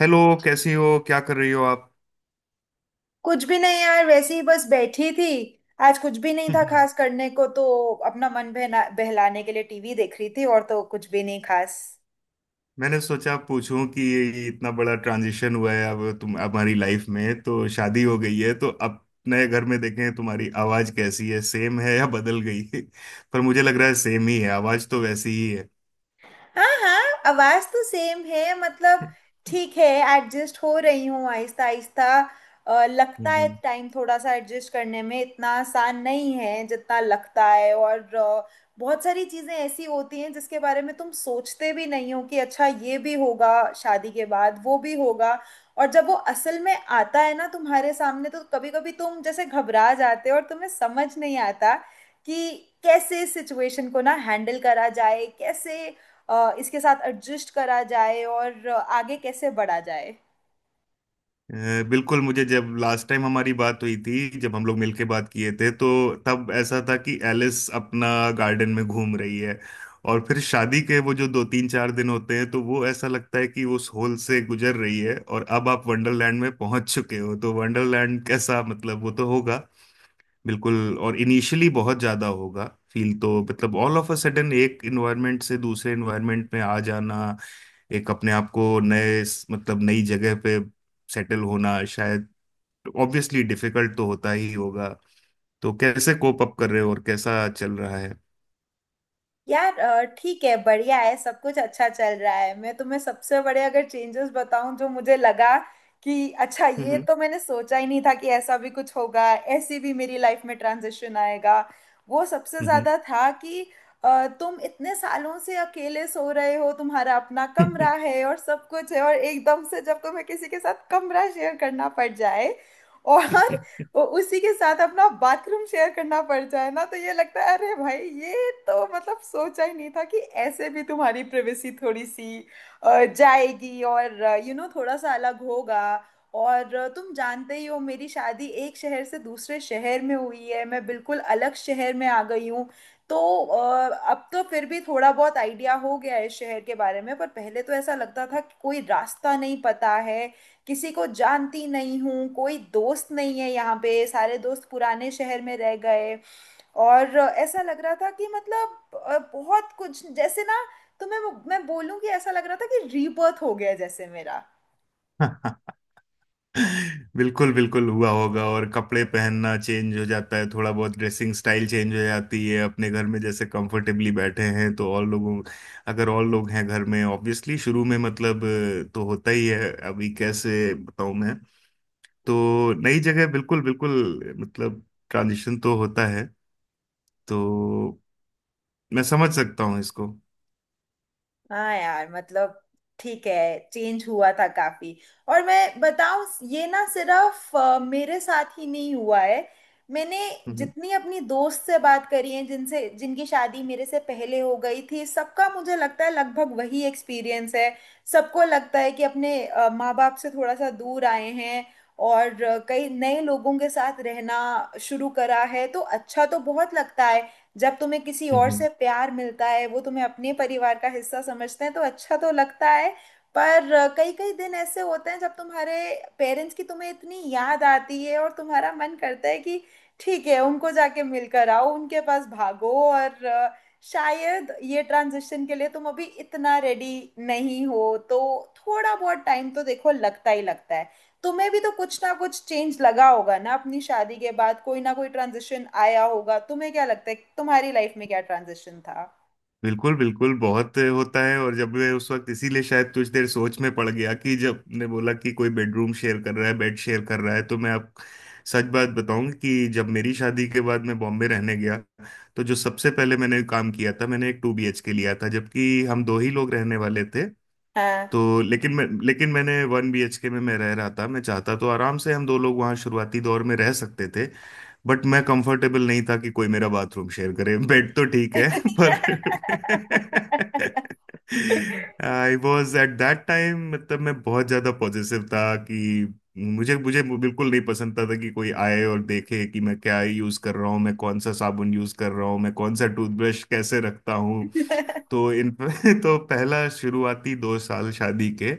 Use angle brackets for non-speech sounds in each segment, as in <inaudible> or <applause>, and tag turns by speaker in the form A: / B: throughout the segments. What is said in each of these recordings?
A: Hello. कैसी हो, क्या कर रही हो आप?
B: कुछ भी नहीं यार, वैसे ही बस बैठी थी। आज कुछ भी नहीं
A: <laughs>
B: था
A: हम्म।
B: खास करने को, तो अपना मन बहना बहलाने के लिए टीवी देख रही थी, और तो कुछ भी नहीं खास।
A: मैंने सोचा पूछूं कि ये इतना बड़ा ट्रांजिशन हुआ है, अब तुम हमारी लाइफ में, तो शादी हो गई है तो अब नए घर में देखें तुम्हारी आवाज कैसी है, सेम है या बदल गई है। <laughs> पर मुझे लग रहा है सेम ही है, आवाज तो वैसी ही
B: हाँ हाँ, आवाज तो सेम है। मतलब ठीक है, एडजस्ट हो रही हूँ आहिस्ता आहिस्ता। लगता
A: है।
B: है
A: <laughs>
B: टाइम थोड़ा सा एडजस्ट करने में इतना आसान नहीं है जितना लगता है। और बहुत सारी चीजें ऐसी होती हैं जिसके बारे में तुम सोचते भी नहीं हो कि अच्छा ये भी होगा, शादी के बाद वो भी होगा। और जब वो असल में आता है ना तुम्हारे सामने, तो कभी कभी तुम जैसे घबरा जाते हो और तुम्हें समझ नहीं आता कि कैसे सिचुएशन को ना हैंडल करा जाए, कैसे इसके साथ एडजस्ट करा जाए और आगे कैसे बढ़ा जाए।
A: बिल्कुल। मुझे जब लास्ट टाइम हमारी बात हुई थी, जब हम लोग मिलके बात किए थे, तो तब ऐसा था कि एलिस अपना गार्डन में घूम रही है, और फिर शादी के वो जो दो तीन चार दिन होते हैं तो वो ऐसा लगता है कि उस होल से गुजर रही है, और अब आप वंडरलैंड में पहुंच चुके हो, तो वंडरलैंड कैसा, मतलब वो तो होगा बिल्कुल, और इनिशियली बहुत ज्यादा होगा फील तो। मतलब ऑल ऑफ अ सडन एक इन्वायरमेंट से दूसरे इन्वायरमेंट में आ जाना, एक अपने आप को नए, मतलब नई जगह पे सेटल होना, शायद ऑब्वियसली डिफिकल्ट तो होता ही होगा। तो कैसे कोप अप कर रहे हो और कैसा चल रहा है?
B: यार ठीक है, बढ़िया है, सब कुछ अच्छा चल रहा है। मैं तुम्हें सबसे बड़े अगर चेंजेस बताऊं जो मुझे लगा कि अच्छा ये
A: हम्म
B: तो मैंने सोचा ही नहीं था कि ऐसा भी कुछ होगा, ऐसी भी मेरी लाइफ में ट्रांजिशन आएगा। वो सबसे
A: हम्म
B: ज़्यादा था कि तुम इतने सालों से अकेले सो रहे हो, तुम्हारा अपना कमरा है और सब कुछ है, और एकदम से जब तुम्हें किसी के साथ कमरा शेयर करना पड़ जाए और उसी के साथ अपना बाथरूम शेयर करना पड़ जाए ना, तो ये लगता है अरे भाई ये तो मतलब सोचा ही नहीं था कि ऐसे भी तुम्हारी प्राइवेसी थोड़ी सी जाएगी। और थोड़ा सा अलग होगा। और तुम जानते ही हो मेरी शादी एक शहर से दूसरे शहर में हुई है, मैं बिल्कुल अलग शहर में आ गई हूँ। तो अब तो फिर भी थोड़ा बहुत आइडिया हो गया है इस शहर के बारे में, पर पहले तो ऐसा लगता था कि कोई रास्ता नहीं पता है, किसी को जानती नहीं हूँ, कोई दोस्त नहीं है यहाँ पे, सारे दोस्त पुराने शहर में रह गए। और ऐसा लग रहा था कि मतलब बहुत कुछ जैसे ना, तो मैं बोलूँ कि ऐसा लग रहा था कि रीबर्थ हो गया जैसे मेरा।
A: हम्म। <laughs> बिल्कुल बिल्कुल हुआ होगा। और कपड़े पहनना चेंज हो जाता है, थोड़ा बहुत ड्रेसिंग स्टाइल चेंज हो जाती है, अपने घर में जैसे कंफर्टेबली बैठे हैं तो और लोगों, अगर और लोग हैं घर में ऑब्वियसली शुरू में, मतलब तो होता ही है। अभी कैसे बताऊं मैं, तो नई जगह बिल्कुल बिल्कुल, मतलब ट्रांजिशन तो होता है, तो मैं समझ सकता हूँ इसको।
B: हाँ यार मतलब ठीक है, चेंज हुआ था काफी। और मैं बताऊं, ये ना सिर्फ मेरे साथ ही नहीं हुआ है। मैंने
A: हम्म
B: जितनी अपनी दोस्त से बात करी है जिनसे जिनकी शादी मेरे से पहले हो गई थी, सबका मुझे लगता है लगभग वही एक्सपीरियंस है। सबको लगता है कि अपने माँ बाप से थोड़ा सा दूर आए हैं, और कई नए लोगों के साथ रहना शुरू करा है, तो अच्छा तो बहुत लगता है। जब तुम्हें किसी और
A: हम्म।
B: से प्यार मिलता है, वो तुम्हें अपने परिवार का हिस्सा समझते हैं, तो अच्छा तो लगता है। पर कई कई दिन ऐसे होते हैं जब तुम्हारे पेरेंट्स की तुम्हें इतनी याद आती है और तुम्हारा मन करता है कि ठीक है उनको जाके मिलकर आओ, उनके पास भागो। और शायद ये ट्रांजिशन के लिए तुम अभी इतना रेडी नहीं हो, तो थोड़ा बहुत टाइम तो देखो लगता ही लगता है। तुम्हें भी तो कुछ ना कुछ चेंज लगा होगा ना अपनी शादी के बाद, कोई ना कोई ट्रांजिशन आया होगा। तुम्हें क्या लगता है कि तुम्हारी लाइफ में क्या ट्रांजिशन था?
A: बिल्कुल बिल्कुल बहुत होता है। और जब मैं उस वक्त इसीलिए शायद कुछ देर सोच में पड़ गया कि जब ने बोला कि कोई बेडरूम शेयर कर रहा है, बेड शेयर कर रहा है, तो मैं आप सच बात बताऊं कि जब मेरी शादी के बाद मैं बॉम्बे रहने गया तो जो सबसे पहले मैंने काम किया था, मैंने एक टू बीएचके लिया था जबकि हम दो ही लोग रहने वाले थे।
B: हाँ
A: तो लेकिन मैंने वन बीएचके में मैं रह रहा था, मैं चाहता तो आराम से हम दो लोग वहाँ शुरुआती दौर में रह सकते थे। बट मैं कंफर्टेबल नहीं था कि कोई मेरा बाथरूम शेयर करे, बेड तो ठीक है। <laughs> पर
B: <laughs>
A: आई वॉज एट दैट टाइम, मतलब मैं बहुत ज्यादा पॉजिटिव था कि मुझे मुझे बिल्कुल नहीं पसंद था कि कोई आए और देखे कि मैं क्या यूज कर रहा हूँ, मैं कौन सा साबुन यूज कर रहा हूँ, मैं कौन सा टूथब्रश कैसे रखता हूँ। तो इन <laughs> तो पहला शुरुआती 2 साल शादी के,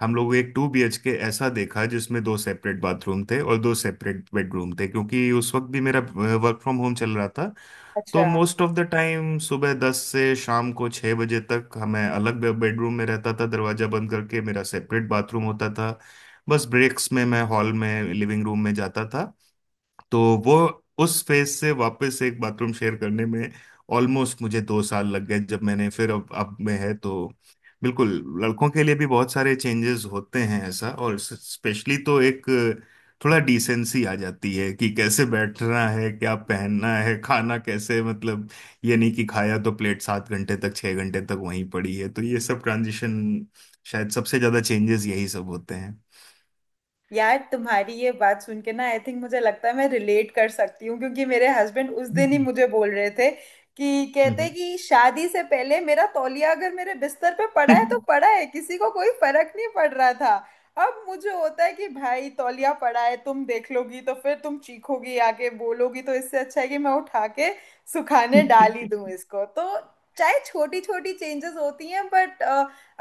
A: हम लोग एक टू बीएचके ऐसा देखा जिसमें दो सेपरेट बाथरूम थे और दो सेपरेट बेडरूम थे। क्योंकि उस वक्त भी मेरा वर्क फ्रॉम होम चल रहा था,
B: अच्छा।
A: तो मोस्ट ऑफ द टाइम सुबह दस से शाम को छः बजे तक हमें अलग बेडरूम में रहता था, दरवाजा बंद करके मेरा सेपरेट बाथरूम होता था। बस ब्रेक्स में मैं हॉल में, लिविंग रूम में जाता था। तो वो उस फेज से वापस एक बाथरूम शेयर करने में ऑलमोस्ट मुझे 2 साल लग गए जब मैंने फिर अब में है तो बिल्कुल। लड़कों के लिए भी बहुत सारे चेंजेस होते हैं ऐसा, और स्पेशली तो एक थोड़ा डिसेंसी आ जाती है कि कैसे बैठना है, क्या पहनना है, खाना कैसे, मतलब ये नहीं कि खाया तो प्लेट 7 घंटे तक 6 घंटे तक वहीं पड़ी है। तो ये सब ट्रांजिशन शायद सबसे ज्यादा चेंजेस यही सब होते हैं।
B: यार तुम्हारी ये बात सुन के ना, आई थिंक मुझे लगता है मैं रिलेट कर सकती हूँ क्योंकि मेरे हस्बैंड उस दिन ही
A: हम्म
B: मुझे बोल रहे थे, कि कहते
A: हम्म।
B: कि शादी से पहले मेरा तौलिया अगर मेरे बिस्तर पे पड़ा है तो
A: <laughs>
B: पड़ा है, किसी को कोई फर्क नहीं पड़ रहा था। अब मुझे होता है कि भाई तौलिया पड़ा है, तुम देख लोगी तो फिर तुम चीखोगी आके बोलोगी, तो इससे अच्छा है कि मैं उठा के सुखाने डाल ही दूं इसको। तो चाहे छोटी छोटी चेंजेस होती हैं, बट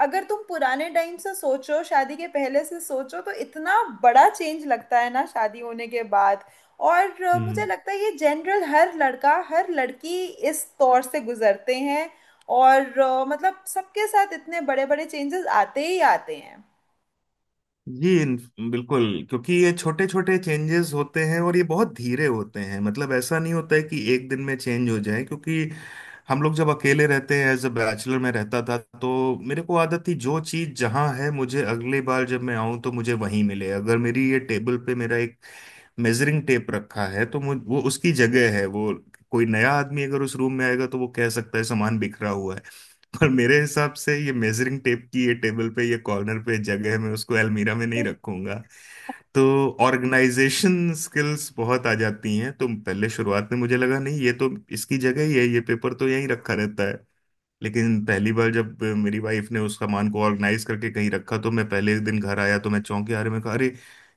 B: अगर तुम पुराने टाइम से सोचो, शादी के पहले से सोचो, तो इतना बड़ा चेंज लगता है ना शादी होने के बाद। और मुझे
A: हम्म,
B: लगता है ये जनरल, हर लड़का हर लड़की इस दौर से गुजरते हैं। और मतलब सबके साथ इतने बड़े बड़े चेंजेस आते ही आते हैं।
A: जी बिल्कुल। क्योंकि ये छोटे छोटे चेंजेस होते हैं और ये बहुत धीरे होते हैं, मतलब ऐसा नहीं होता है कि एक दिन में चेंज हो जाए, क्योंकि हम लोग जब अकेले रहते हैं, एज अ बैचलर में रहता था तो मेरे को आदत थी जो चीज़ जहाँ है, मुझे अगली बार जब मैं आऊँ तो मुझे वहीं मिले। अगर मेरी ये टेबल पे मेरा एक मेजरिंग टेप रखा है तो मुझ वो उसकी जगह है वो। कोई नया आदमी अगर उस रूम में आएगा तो वो कह सकता है सामान बिखरा हुआ है, पर मेरे हिसाब से ये मेजरिंग टेप की ये टेबल पे ये कॉर्नर पे जगह है, मैं उसको अलमीरा में नहीं रखूंगा। तो ऑर्गेनाइजेशन स्किल्स बहुत आ जाती हैं, तो पहले शुरुआत में मुझे लगा नहीं ये तो इसकी जगह ही है, ये पेपर तो यहीं रखा रहता है। लेकिन पहली बार जब मेरी वाइफ ने उस सामान को ऑर्गेनाइज करके कहीं रखा तो मैं पहले दिन घर आया तो मैं चौंक गया, अरे मैं कहा अरे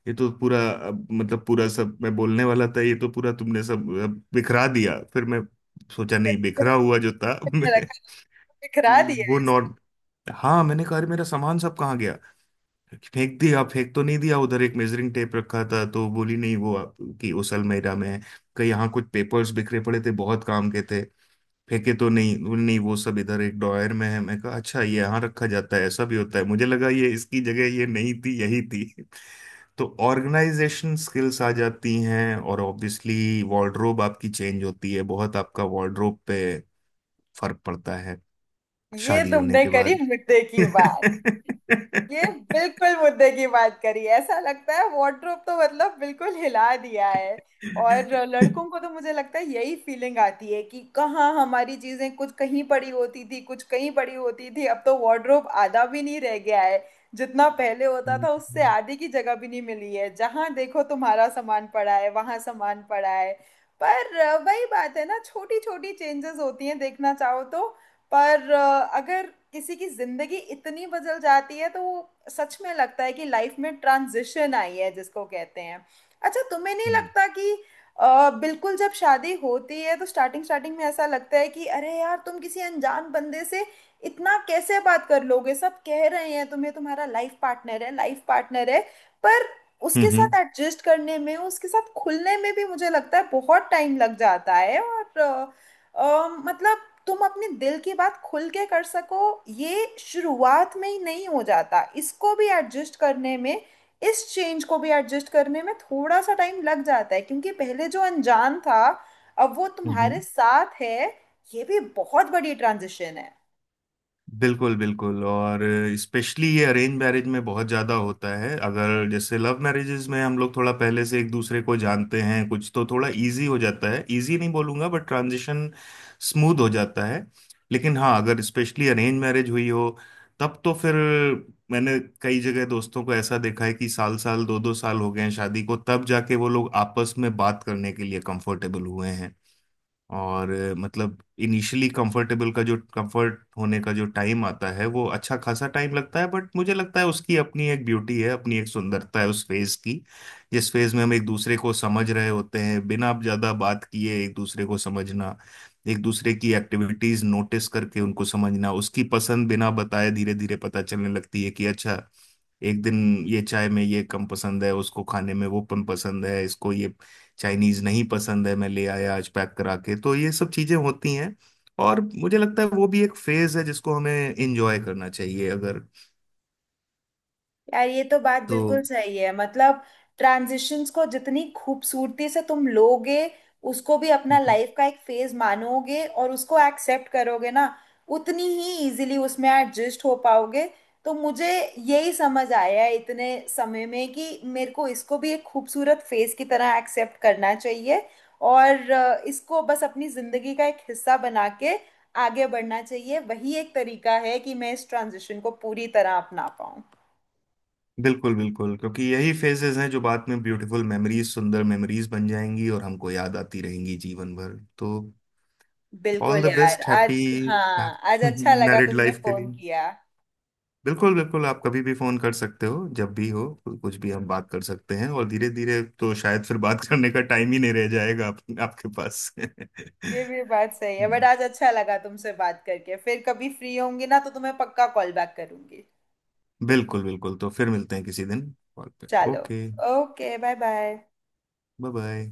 A: ये तो पूरा अब, मतलब पूरा सब मैं बोलने वाला था ये तो पूरा तुमने सब अब बिखरा दिया, फिर मैं सोचा नहीं बिखरा
B: <laughs>
A: हुआ जो था। <laughs> मैं
B: बिखरा दिया
A: वो
B: इस-
A: नॉर हाँ मैंने कहा अरे मेरा सामान सब कहाँ गया? फेंक दिया? फेंक तो नहीं दिया, उधर एक मेजरिंग टेप रखा था तो बोली नहीं वो आपकी उस अलमीरा में है, कहीं यहाँ कुछ पेपर्स बिखरे पड़े थे बहुत काम के थे, फेंके तो नहीं? बोली, नहीं वो सब इधर एक ड्रॉयर में है। मैं कहा अच्छा ये यहाँ रखा जाता है, ऐसा भी होता है, मुझे लगा ये इसकी जगह ये नहीं थी यही थी। तो ऑर्गेनाइजेशन स्किल्स आ जाती हैं और ऑब्वियसली वार्डरोब आपकी चेंज होती है, बहुत आपका वार्डरोब पे फर्क पड़ता है
B: ये
A: शादी होने
B: तुमने
A: के।
B: करी
A: हम्म
B: मुद्दे की बात। ये बिल्कुल मुद्दे की बात करी। ऐसा लगता है वार्डरोब तो मतलब बिल्कुल हिला दिया है। और लड़कों को तो मुझे लगता है यही फीलिंग आती है कि कहाँ हमारी चीजें, कुछ कहीं पड़ी होती थी कुछ कहीं पड़ी होती थी, अब तो वार्डरोब आधा भी नहीं रह गया है। जितना पहले होता था उससे
A: हम्म
B: आधी की जगह भी नहीं मिली है, जहां देखो तुम्हारा सामान पड़ा है वहां सामान पड़ा है। पर वही बात है ना, छोटी छोटी चेंजेस होती हैं देखना चाहो तो। पर अगर किसी की जिंदगी इतनी बदल जाती है तो वो सच में लगता है कि लाइफ में ट्रांजिशन आई है जिसको कहते हैं। अच्छा तुम्हें नहीं लगता कि बिल्कुल जब शादी होती है तो स्टार्टिंग स्टार्टिंग में ऐसा लगता है कि अरे यार तुम किसी अनजान बंदे से इतना कैसे बात कर लोगे, सब कह रहे हैं तुम्हें तुम्हारा लाइफ पार्टनर है लाइफ पार्टनर है। पर उसके साथ
A: हम्म,
B: एडजस्ट करने में, उसके साथ खुलने में भी मुझे लगता है बहुत टाइम लग जाता है। और मतलब तुम अपने दिल की बात खुल के कर सको, ये शुरुआत में ही नहीं हो जाता, इसको भी एडजस्ट करने में, इस चेंज को भी एडजस्ट करने में थोड़ा सा टाइम लग जाता है क्योंकि पहले जो अनजान था अब वो
A: हम्म,
B: तुम्हारे साथ है। ये भी बहुत बड़ी ट्रांजिशन है।
A: बिल्कुल बिल्कुल। और स्पेशली ये अरेंज मैरिज में बहुत ज़्यादा होता है, अगर जैसे लव मैरिजेज में हम लोग थोड़ा पहले से एक दूसरे को जानते हैं, कुछ तो थोड़ा इजी हो जाता है, इजी नहीं बोलूँगा बट ट्रांजिशन स्मूथ हो जाता है। लेकिन हाँ अगर स्पेशली अरेंज मैरिज हुई हो तब तो फिर मैंने कई जगह दोस्तों को ऐसा देखा है कि साल साल दो दो साल हो गए हैं शादी को तब जाके वो लोग आपस में बात करने के लिए कंफर्टेबल हुए हैं। और मतलब इनिशियली कंफर्टेबल का जो कंफर्ट होने का जो टाइम आता है वो अच्छा खासा टाइम लगता है। बट मुझे लगता है उसकी अपनी एक ब्यूटी है, अपनी एक सुंदरता है उस फेज की, जिस फेज में हम एक दूसरे को समझ रहे होते हैं, बिना ज्यादा बात किए एक दूसरे को समझना, एक दूसरे की एक्टिविटीज नोटिस करके उनको समझना, उसकी पसंद बिना बताए धीरे धीरे पता चलने लगती है कि अच्छा एक दिन ये चाय में ये कम पसंद है, उसको खाने में वो कम पसंद है, इसको ये चाइनीज नहीं पसंद है मैं ले आया आज पैक करा के। तो ये सब चीजें होती हैं और मुझे लगता है वो भी एक फेज है जिसको हमें एंजॉय करना चाहिए, अगर
B: यार ये तो बात
A: तो।
B: बिल्कुल सही है मतलब, ट्रांजिशंस को जितनी खूबसूरती से तुम लोगे, उसको भी अपना
A: हम्म,
B: लाइफ का एक फेज मानोगे और उसको एक्सेप्ट करोगे ना, उतनी ही इजीली उसमें एडजस्ट हो पाओगे। तो मुझे यही समझ आया है इतने समय में कि मेरे को इसको भी एक खूबसूरत फेज की तरह एक्सेप्ट करना चाहिए। और इसको बस अपनी जिंदगी का एक हिस्सा बना के आगे बढ़ना चाहिए, वही एक तरीका है कि मैं इस ट्रांजिशन को पूरी तरह अपना पाऊँ।
A: बिल्कुल बिल्कुल, क्योंकि यही फेजेस हैं जो बाद में ब्यूटीफुल मेमोरीज सुंदर मेमोरीज बन जाएंगी और हमको याद आती रहेंगी जीवन भर तो। ऑल
B: बिल्कुल
A: द
B: यार,
A: बेस्ट, हैप्पी
B: आज हाँ आज अच्छा लगा
A: मैरिड
B: तुमने
A: लाइफ <laughs> के
B: फोन
A: लिए।
B: किया।
A: बिल्कुल बिल्कुल, आप कभी भी फोन कर सकते हो जब भी हो, कुछ भी हम बात कर सकते हैं, और धीरे धीरे तो शायद फिर बात करने का टाइम ही नहीं रह जाएगा आपके पास। <laughs>
B: ये भी बात सही है
A: हम्म,
B: बट आज अच्छा लगा तुमसे बात करके। फिर कभी फ्री होंगी ना तो तुम्हें पक्का कॉल बैक करूंगी।
A: बिल्कुल बिल्कुल। तो फिर मिलते हैं किसी दिन कॉल पे।
B: चलो,
A: okay,
B: okay, bye bye.
A: Bye bye.